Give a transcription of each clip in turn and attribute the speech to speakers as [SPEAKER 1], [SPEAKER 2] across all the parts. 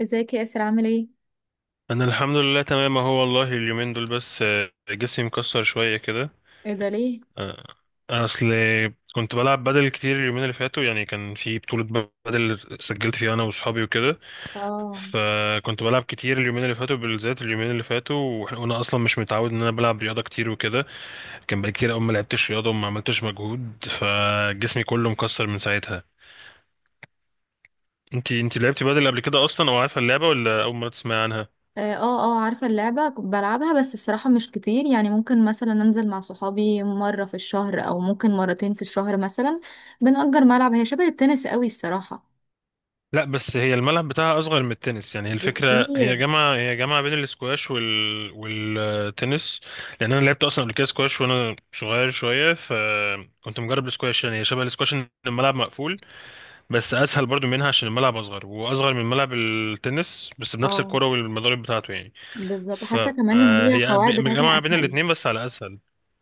[SPEAKER 1] ازيك يا ياسر، عامل ايه؟
[SPEAKER 2] انا الحمد لله تمام اهو، والله اليومين دول بس جسمي مكسر شويه كده.
[SPEAKER 1] ايه ده ليه؟
[SPEAKER 2] آه، اصل كنت بلعب بدل كتير اليومين اللي فاتوا، يعني كان في بطوله بدل سجلت فيها انا واصحابي وكده.
[SPEAKER 1] اه،
[SPEAKER 2] فكنت بلعب كتير اليومين اللي فاتوا بالذات اليومين اللي فاتوا واحنا وانا اصلا مش متعود ان انا بلعب رياضه كتير وكده. كان بقالي كتير قوي ما لعبتش رياضه وما عملتش مجهود، فجسمي كله مكسر من ساعتها. انتي لعبتي بدل قبل كده اصلا، او عارفه اللعبه، ولا اول مره تسمعي عنها؟
[SPEAKER 1] اه، اه. آه، عارفة اللعبة كنت بلعبها، بس الصراحة مش كتير. يعني ممكن مثلا انزل مع صحابي مرة في الشهر او ممكن مرتين في الشهر مثلا. بنأجر ملعب، هي شبه التنس قوي الصراحة.
[SPEAKER 2] لا، بس هي الملعب بتاعها اصغر من التنس. يعني هي الفكره، هي
[SPEAKER 1] بكتير.
[SPEAKER 2] جامعه هي جامعه بين الاسكواش وال... والتنس. لان انا لعبت اصلا قبل كده سكواش وانا صغير شويه، فكنت مجرب السكواش. يعني هي شبه الاسكواش، ان الملعب مقفول. بس اسهل برضو منها عشان الملعب اصغر، واصغر من ملعب التنس، بس بنفس
[SPEAKER 1] اه،
[SPEAKER 2] الكره والمضارب بتاعته يعني.
[SPEAKER 1] بالظبط. حاسة كمان ان هي
[SPEAKER 2] فهي
[SPEAKER 1] القواعد بتاعتها
[SPEAKER 2] جامعه بين
[SPEAKER 1] اسهل.
[SPEAKER 2] الاتنين بس على اسهل.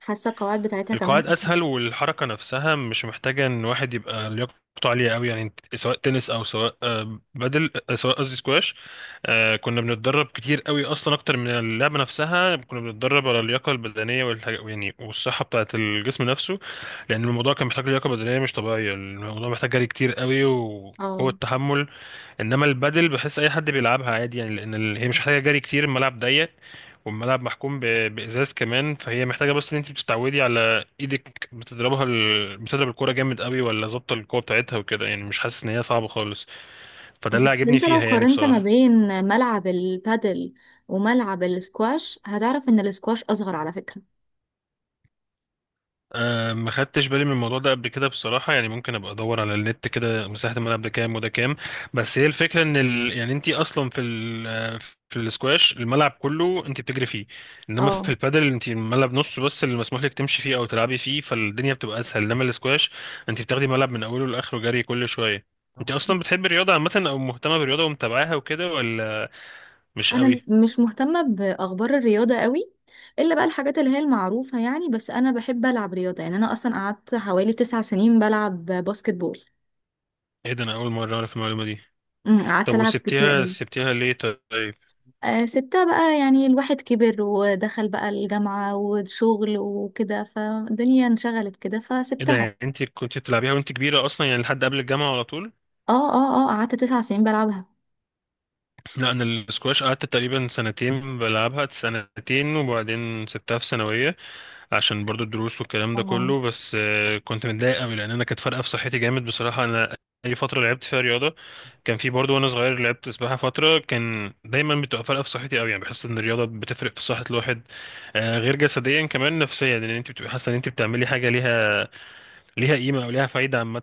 [SPEAKER 1] حاسة القواعد بتاعتها كمان
[SPEAKER 2] القواعد
[SPEAKER 1] اسهل.
[SPEAKER 2] اسهل والحركه نفسها مش محتاجه ان واحد يبقى لياقته عاليه قوي. يعني سواء تنس او سواء بدل، سواء قصدي سكواش. كنا بنتدرب كتير قوي اصلا، اكتر من اللعبه نفسها. كنا بنتدرب على اللياقه البدنيه والحاجة يعني، والصحه بتاعه الجسم نفسه. لان الموضوع كان محتاج لياقه بدنيه مش طبيعيه. الموضوع محتاج جري كتير قوي وقوه
[SPEAKER 1] اه.
[SPEAKER 2] تحمل. انما البادل، بحس اي حد بيلعبها عادي. يعني لان هي مش محتاجه جري كتير، الملعب ضيق. والملعب محكوم بازاز كمان. فهي محتاجه بس ان انت بتتعودي على ايدك، بتضرب الكوره جامد قوي ولا ظابطه القوه بتاعتها وكده. يعني مش حاسس ان هي صعبه خالص. فده اللي
[SPEAKER 1] بس
[SPEAKER 2] عجبني
[SPEAKER 1] انت لو
[SPEAKER 2] فيها يعني
[SPEAKER 1] قارنت ما
[SPEAKER 2] بصراحه.
[SPEAKER 1] بين ملعب البادل وملعب السكواش هتعرف ان السكواش اصغر على فكرة.
[SPEAKER 2] أه، ما خدتش بالي من الموضوع ده قبل كده بصراحة. يعني ممكن ابقى ادور على النت كده، مساحة الملعب ده كام وده كام. بس هي الفكرة ان يعني انت اصلا في ال... آه، في الاسكواش، الملعب كله انت بتجري فيه. انما في
[SPEAKER 1] اه.
[SPEAKER 2] البادل، انت الملعب نصه بس اللي مسموح لك تمشي فيه او تلعبي فيه، فالدنيا بتبقى اسهل. انما الاسكواش، انت بتاخدي ملعب من اوله لاخره، جري كل شوية. انت اصلا بتحبي الرياضة عامة، او مهتمة بالرياضة ومتابعاها وكده، ولا مش
[SPEAKER 1] انا
[SPEAKER 2] قوي؟
[SPEAKER 1] مش مهتمه باخبار الرياضه قوي، الا بقى الحاجات اللي هي المعروفه. يعني بس انا بحب العب رياضه، يعني انا اصلا قعدت حوالي 9 سنين بلعب باسكت بول.
[SPEAKER 2] ايه ده؟ انا اول مرة اعرف المعلومة دي.
[SPEAKER 1] قعدت
[SPEAKER 2] طب،
[SPEAKER 1] العب كتير
[SPEAKER 2] وسبتيها
[SPEAKER 1] قوي.
[SPEAKER 2] سبتيها ليه طيب؟
[SPEAKER 1] آه، سبتها بقى. يعني الواحد كبر ودخل بقى الجامعه وشغل وكده، فالدنيا انشغلت كده
[SPEAKER 2] ايه ده؟
[SPEAKER 1] فسبتها.
[SPEAKER 2] يعني انت كنت بتلعبيها وانت كبيرة اصلا يعني، لحد قبل الجامعة على طول؟
[SPEAKER 1] اه، اه، اه، قعدت 9 سنين بلعبها.
[SPEAKER 2] لا، انا السكواش قعدت تقريبا سنتين بلعبها سنتين، وبعدين سبتها في ثانوية. عشان برضو الدروس والكلام ده
[SPEAKER 1] اه
[SPEAKER 2] كله، بس كنت متضايق قوي لان انا كانت فارقة في صحتي جامد بصراحة. انا اي فترة لعبت فيها رياضة، كان في برضو وانا صغير لعبت سباحة فترة، كان دايما بتبقى فارقة في صحتي قوي. يعني بحس ان الرياضة بتفرق في صحة الواحد. غير جسديا، كمان نفسيا، لان انت بتبقى حاسة ان انت بتعملي حاجة ليها قيمة أو ليها فايدة عامة.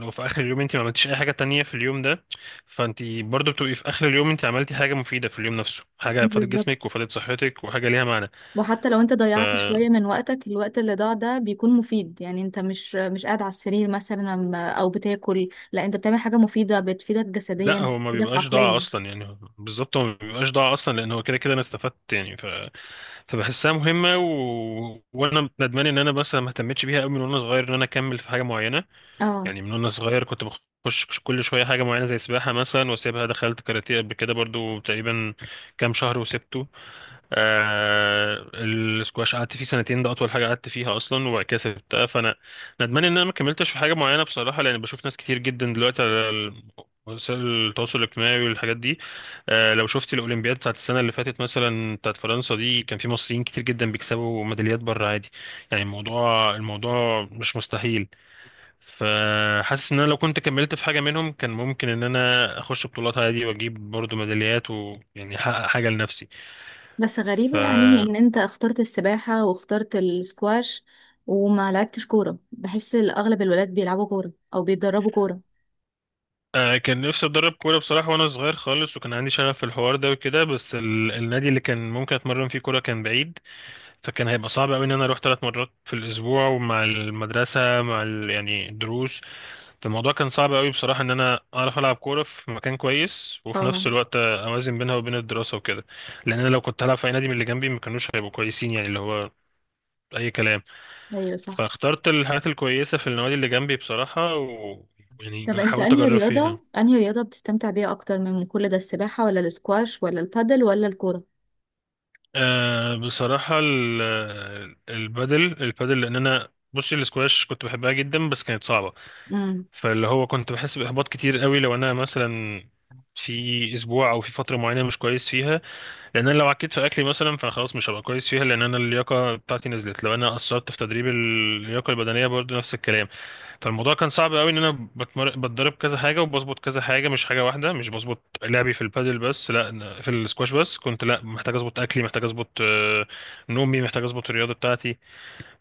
[SPEAKER 2] لو في آخر اليوم أنت ما عملتيش أي حاجة تانية في اليوم ده، فأنت برضو بتبقي في آخر اليوم أنت عملتي حاجة مفيدة في اليوم نفسه، حاجة فادت جسمك
[SPEAKER 1] بالظبط.
[SPEAKER 2] وفادت صحتك، وحاجة ليها معنى.
[SPEAKER 1] وحتى لو انت ضيعت شوية من وقتك، الوقت اللي ضاع ده بيكون مفيد. يعني انت مش قاعد على السرير مثلا او بتاكل، لا انت بتعمل حاجة مفيدة بتفيدك جسديا
[SPEAKER 2] لا، هو ما
[SPEAKER 1] بتفيدك
[SPEAKER 2] بيبقاش ضاع
[SPEAKER 1] عقليا.
[SPEAKER 2] أصلا يعني، بالظبط هو ما بيبقاش ضاع أصلا، لأن هو كده كده أنا استفدت يعني. فبحسها مهمة و... وأنا ندمان إن أنا مثلا ما اهتمتش بيها أوي من وأنا صغير، إن أنا أكمل في حاجة معينة.
[SPEAKER 1] اه.
[SPEAKER 2] يعني من وانا صغير كنت بخش كل شويه حاجه معينه، زي سباحه مثلا واسيبها، دخلت كاراتيه قبل كده برضو تقريبا كام شهر وسبته. السكواش قعدت فيه سنتين، ده اطول حاجه قعدت فيها اصلا، وبعد كده سبتها. فانا ندمان ان انا ما كملتش في حاجه معينه بصراحه، لان بشوف ناس كتير جدا دلوقتي على وسائل التواصل الاجتماعي والحاجات دي. لو شفت الاولمبياد بتاعت السنه اللي فاتت مثلا، بتاعت فرنسا دي، كان في مصريين كتير جدا بيكسبوا ميداليات بره عادي. يعني الموضوع مش مستحيل. فحاسس ان انا لو كنت كملت في حاجه منهم كان ممكن ان انا اخش بطولات عادي، واجيب برضو ميداليات، ويعني احقق حاجه لنفسي.
[SPEAKER 1] بس
[SPEAKER 2] ف
[SPEAKER 1] غريبة يعني ان انت اخترت السباحة واخترت السكواش وما لعبتش كورة. بحس اغلب الولاد بيلعبوا كورة او بيتدربوا كورة.
[SPEAKER 2] آه، كان نفسي اتدرب كوره بصراحه وانا صغير خالص، وكان عندي شغف في الحوار ده وكده. بس النادي اللي كان ممكن اتمرن فيه كوره كان بعيد. فكان هيبقى صعب قوي ان انا اروح 3 مرات في الاسبوع، ومع المدرسه، مع يعني الدروس. الموضوع كان صعب قوي بصراحة، ان انا اعرف العب كورة في مكان كويس وفي
[SPEAKER 1] اه،
[SPEAKER 2] نفس الوقت اوازن بينها وبين الدراسة وكده. لان انا لو كنت هلعب في اي نادي من اللي جنبي، ما كانوش هيبقوا كويسين، يعني اللي هو اي كلام.
[SPEAKER 1] ايوه صح.
[SPEAKER 2] فاخترت الحاجات الكويسة في النوادي اللي جنبي بصراحة، و يعني
[SPEAKER 1] طب انت
[SPEAKER 2] حاولت
[SPEAKER 1] انهي
[SPEAKER 2] اجرب فيها.
[SPEAKER 1] رياضة انهي رياضة بتستمتع بيها اكتر من كل ده، السباحة ولا السكواش ولا البادل ولا الكورة؟
[SPEAKER 2] أه بصراحة، البادل. لان انا بصي الاسكواش كنت بحبها جدا بس كانت صعبة.
[SPEAKER 1] امم.
[SPEAKER 2] فاللي هو كنت بحس باحباط كتير قوي لو انا مثلا في اسبوع او في فتره معينه مش كويس فيها. لان انا لو عكيت في اكلي مثلا، فانا خلاص مش هبقى كويس فيها، لان انا اللياقه بتاعتي نزلت. لو انا قصرت في تدريب اللياقه البدنيه برضه نفس الكلام. فالموضوع كان صعب قوي ان انا بتدرب كذا حاجه وبظبط كذا حاجه، مش حاجه واحده. مش بظبط لعبي في البادل بس، لا، أنا في السكواش بس كنت، لا، محتاج اظبط اكلي، محتاج اظبط نومي، محتاج اظبط الرياضه بتاعتي.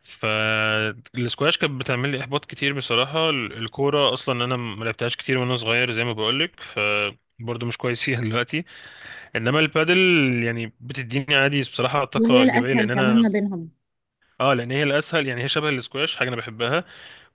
[SPEAKER 2] فالسكواش كانت بتعمل لي احباط كتير بصراحه. الكوره اصلا انا ما لعبتهاش كتير وانا صغير زي ما بقولك، برضه مش كويس فيها دلوقتي. انما البادل يعني بتديني عادي بصراحه طاقه
[SPEAKER 1] وهي
[SPEAKER 2] ايجابيه،
[SPEAKER 1] الاسهل
[SPEAKER 2] لان
[SPEAKER 1] كمان
[SPEAKER 2] انا.
[SPEAKER 1] ما بينهم.
[SPEAKER 2] اه، لان هي الاسهل، يعني هي شبه الاسكواش حاجه انا بحبها،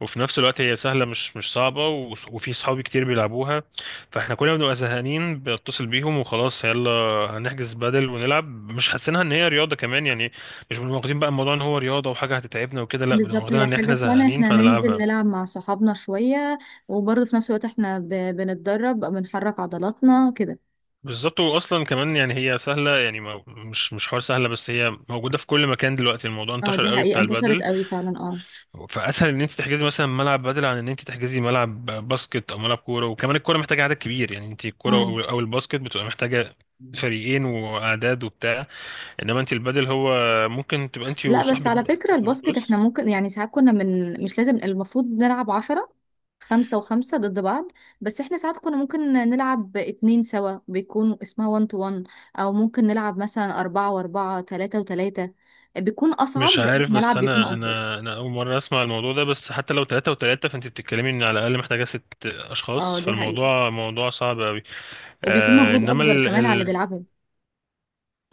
[SPEAKER 2] وفي نفس الوقت هي سهله، مش صعبه، و- وفي صحابي كتير بيلعبوها. فاحنا كلنا بنبقى زهقانين، بتصل بيهم وخلاص، يلا هنحجز بادل ونلعب. مش حاسينها ان هي رياضه كمان يعني. مش بنبقى واخدين بقى الموضوع ان هو رياضه وحاجه هتتعبنا وكده، لا، بنبقى
[SPEAKER 1] بالظبط،
[SPEAKER 2] واخدينها
[SPEAKER 1] هي
[SPEAKER 2] ان
[SPEAKER 1] حاجة
[SPEAKER 2] احنا
[SPEAKER 1] فعلا،
[SPEAKER 2] زهقانين
[SPEAKER 1] احنا هننزل
[SPEAKER 2] فهنلعبها.
[SPEAKER 1] نلعب مع صحابنا شوية وبرضه في نفس الوقت احنا بنتدرب، بنحرك عضلاتنا كده.
[SPEAKER 2] بالظبط، واصلا كمان يعني هي سهله يعني، ما مش حوار سهله بس، هي موجوده في كل مكان دلوقتي، الموضوع
[SPEAKER 1] اه،
[SPEAKER 2] انتشر
[SPEAKER 1] دي
[SPEAKER 2] قوي
[SPEAKER 1] حقيقة،
[SPEAKER 2] بتاع
[SPEAKER 1] انتشرت
[SPEAKER 2] البادل.
[SPEAKER 1] قوي فعلا. اه.
[SPEAKER 2] فاسهل ان انت تحجزي مثلا ملعب بدل عن ان انت تحجزي ملعب باسكت او ملعب كوره. وكمان الكوره محتاجه عدد كبير، يعني انت الكوره
[SPEAKER 1] امم.
[SPEAKER 2] او الباسكت بتبقى محتاجه فريقين واعداد وبتاع. انما انت البدل هو ممكن تبقى انت
[SPEAKER 1] لا بس
[SPEAKER 2] وصاحبك
[SPEAKER 1] على
[SPEAKER 2] انت
[SPEAKER 1] فكرة
[SPEAKER 2] وصاحبك
[SPEAKER 1] الباسكت احنا
[SPEAKER 2] بس.
[SPEAKER 1] ممكن، يعني ساعات كنا، من مش لازم المفروض نلعب عشرة، خمسة وخمسة ضد بعض. بس احنا ساعات كنا ممكن نلعب اتنين سوا، بيكون اسمها وان تو وان. او ممكن نلعب مثلا اربعة واربعة، تلاتة وتلاتة، بيكون اصعب
[SPEAKER 2] مش
[SPEAKER 1] لان
[SPEAKER 2] عارف، بس
[SPEAKER 1] الملعب بيكون
[SPEAKER 2] انا
[SPEAKER 1] اكبر.
[SPEAKER 2] انا انا اول مره اسمع الموضوع ده. بس حتى لو ثلاثة وثلاثة، فانت بتتكلمي ان على الاقل محتاجه ست
[SPEAKER 1] اه
[SPEAKER 2] اشخاص
[SPEAKER 1] دي حقيقة.
[SPEAKER 2] فالموضوع صعب قوي.
[SPEAKER 1] وبيكون
[SPEAKER 2] آه
[SPEAKER 1] مجهود
[SPEAKER 2] انما
[SPEAKER 1] اكبر كمان على اللي بيلعبها.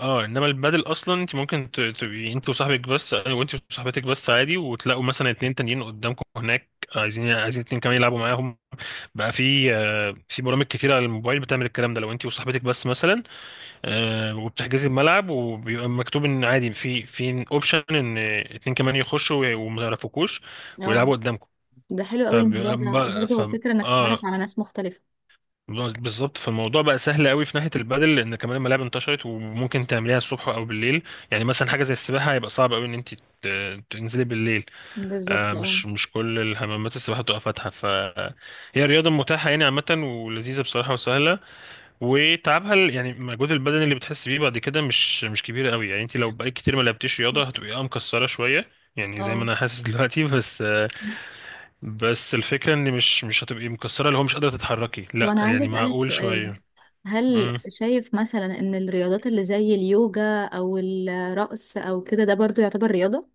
[SPEAKER 2] اه انما البادل اصلا انت ممكن تبقي انت وصاحبك بس، وانت وصاحبتك بس عادي، وتلاقوا مثلا اتنين تانيين قدامكم هناك عايزين اتنين كمان يلعبوا معاهم. بقى في برامج كتير على الموبايل بتعمل الكلام ده، لو انت وصاحبتك بس مثلا. وبتحجزي الملعب، وبيبقى مكتوب ان عادي في اوبشن ان اتنين كمان يخشوا وما يعرفوكوش
[SPEAKER 1] اه،
[SPEAKER 2] ويلعبوا قدامكم.
[SPEAKER 1] ده حلو قوي الموضوع. ده
[SPEAKER 2] فبيبقى
[SPEAKER 1] برضه
[SPEAKER 2] ف...
[SPEAKER 1] هو فكره انك تتعرف
[SPEAKER 2] اه،
[SPEAKER 1] على ناس مختلفه.
[SPEAKER 2] بالظبط. فالموضوع بقى سهل قوي في ناحيه البادل، لان كمان الملاعب انتشرت وممكن تعمليها الصبح او بالليل. يعني مثلا حاجه زي السباحه هيبقى صعب قوي ان انت تنزلي بالليل. آه،
[SPEAKER 1] بالظبط. اه،
[SPEAKER 2] مش مش كل الحمامات السباحه بتبقى فاتحه. فهي رياضه متاحه يعني عامه، ولذيذه بصراحه وسهله. وتعبها يعني المجهود البدني اللي بتحس بيه بعد كده مش كبير قوي. يعني انت لو بقالك كتير ما لعبتيش رياضه، هتبقي مكسره شويه. يعني زي ما
[SPEAKER 1] اه.
[SPEAKER 2] انا حاسس دلوقتي. بس الفكره ان مش هتبقي مكسره اللي هو مش قادره تتحركي،
[SPEAKER 1] طب
[SPEAKER 2] لا،
[SPEAKER 1] انا عايزه
[SPEAKER 2] يعني
[SPEAKER 1] اسالك
[SPEAKER 2] معقول
[SPEAKER 1] سؤال،
[SPEAKER 2] شويه.
[SPEAKER 1] هل شايف مثلا ان الرياضات اللي زي اليوجا او الرقص او كده ده برضه يعتبر رياضه؟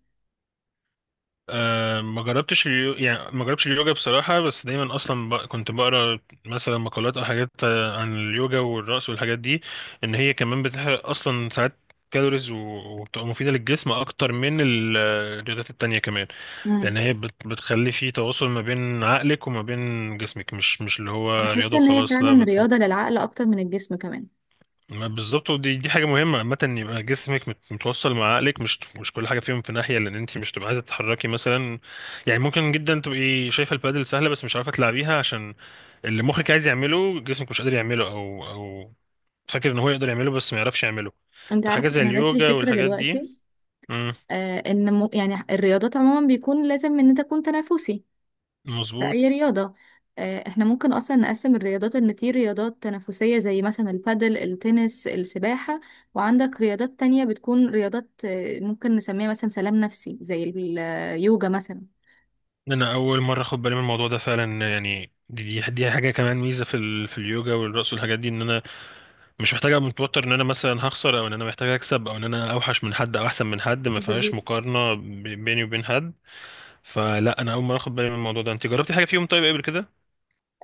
[SPEAKER 2] أه، ما جربتش اليو... يعني ما جربتش اليوجا بصراحة، بس دايما أصلا كنت بقرا مثلا مقالات أو حاجات عن اليوجا والرقص والحاجات دي. إن هي كمان بتحرق أصلا ساعات كالوريز و... وبتبقى مفيدة للجسم أكتر من الرياضات التانية كمان. لأن
[SPEAKER 1] امم.
[SPEAKER 2] هي بتخلي فيه تواصل ما بين عقلك وما بين جسمك، مش اللي هو
[SPEAKER 1] بحس
[SPEAKER 2] رياضة
[SPEAKER 1] ان هي
[SPEAKER 2] وخلاص، لا.
[SPEAKER 1] فعلا رياضه للعقل اكتر من الجسم كمان.
[SPEAKER 2] ما بالظبط، ودي دي حاجه مهمه عامه، ان يبقى جسمك متوصل مع عقلك، مش كل حاجه فيهم في ناحيه، لان انت مش تبقى عايزه تتحركي مثلا. يعني ممكن جدا تبقي شايفه البادل سهله بس مش عارفه تلعبيها، عشان اللي مخك عايز يعمله جسمك مش قادر يعمله، او فاكر ان هو يقدر يعمله بس ما يعرفش يعمله.
[SPEAKER 1] انت عارف،
[SPEAKER 2] فحاجه زي
[SPEAKER 1] انا جات لي
[SPEAKER 2] اليوجا
[SPEAKER 1] فكره
[SPEAKER 2] والحاجات دي.
[SPEAKER 1] دلوقتي.
[SPEAKER 2] امم.
[SPEAKER 1] ان مو يعني الرياضات عموما بيكون لازم ان انت تكون تنافسي في
[SPEAKER 2] مظبوط.
[SPEAKER 1] أي رياضة. احنا ممكن أصلا نقسم الرياضات، إن في رياضات تنافسية زي مثلا البادل، التنس، السباحة. وعندك رياضات تانية بتكون رياضات، ممكن نسميها مثلا سلام نفسي، زي اليوجا مثلا.
[SPEAKER 2] انا اول مره اخد بالي من الموضوع ده فعلا، يعني دي حاجه كمان ميزه في اليوجا والرقص والحاجات دي، ان انا مش محتاج ابقى متوتر ان انا مثلا هخسر، او ان انا محتاج اكسب، او ان انا اوحش من حد او احسن من حد، ما فيهاش
[SPEAKER 1] بالظبط.
[SPEAKER 2] مقارنه بيني وبين حد. فلا، انا اول مره اخد بالي من الموضوع ده. انت جربتي حاجه فيهم طيب قبل كده؟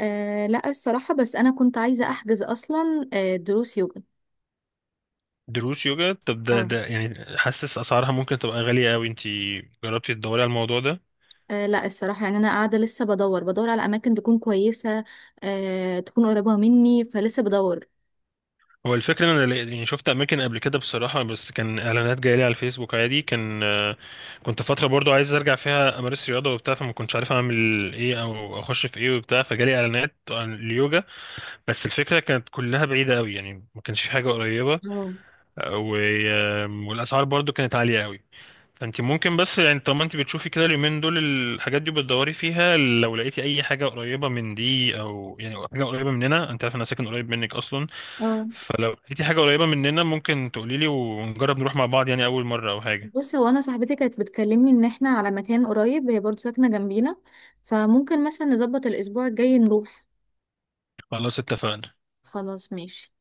[SPEAKER 1] أه لا، الصراحة بس أنا كنت عايزة أحجز أصلا دروس يوجا.
[SPEAKER 2] دروس يوجا؟ طب ده
[SPEAKER 1] اه.
[SPEAKER 2] ده يعني، حاسس اسعارها ممكن تبقى غاليه قوي. انت جربتي تدوري على الموضوع ده؟
[SPEAKER 1] لا الصراحة يعني أنا قاعدة لسه بدور على أماكن تكون كويسة. أه، تكون قريبة مني فلسه بدور.
[SPEAKER 2] هو الفكره ان انا يعني شفت اماكن قبل كده بصراحه، بس كان اعلانات جايه لي على الفيسبوك عادي، كان آه، كنت فتره برضو عايز ارجع فيها امارس رياضه وبتاع، فما كنتش عارف اعمل ايه او اخش في ايه وبتاع، فجالي اعلانات عن اليوجا. بس الفكرة كانت كلها بعيدة قوي، يعني ما كانش في حاجة قريبة،
[SPEAKER 1] اه،
[SPEAKER 2] و... والأسعار برضو كانت عالية قوي. فانت ممكن بس يعني، طالما انت بتشوفي كده اليومين دول الحاجات دي بتدوري فيها، لو لقيتي اي حاجة قريبة من دي او يعني أو حاجة قريبة مننا، انت عارف انا ساكن قريب منك اصلا.
[SPEAKER 1] اه.
[SPEAKER 2] فلو لقيتي حاجة قريبة مننا ممكن تقولي لي، ونجرب نروح مع بعض، يعني اول مرة او حاجة.
[SPEAKER 1] بصي، هو انا صاحبتي كانت بتكلمني ان احنا على مكان قريب، هي برضه ساكنه جنبينا. فممكن مثلا نظبط الاسبوع الجاي نروح.
[SPEAKER 2] خلاص، اتفقنا.
[SPEAKER 1] خلاص ماشي.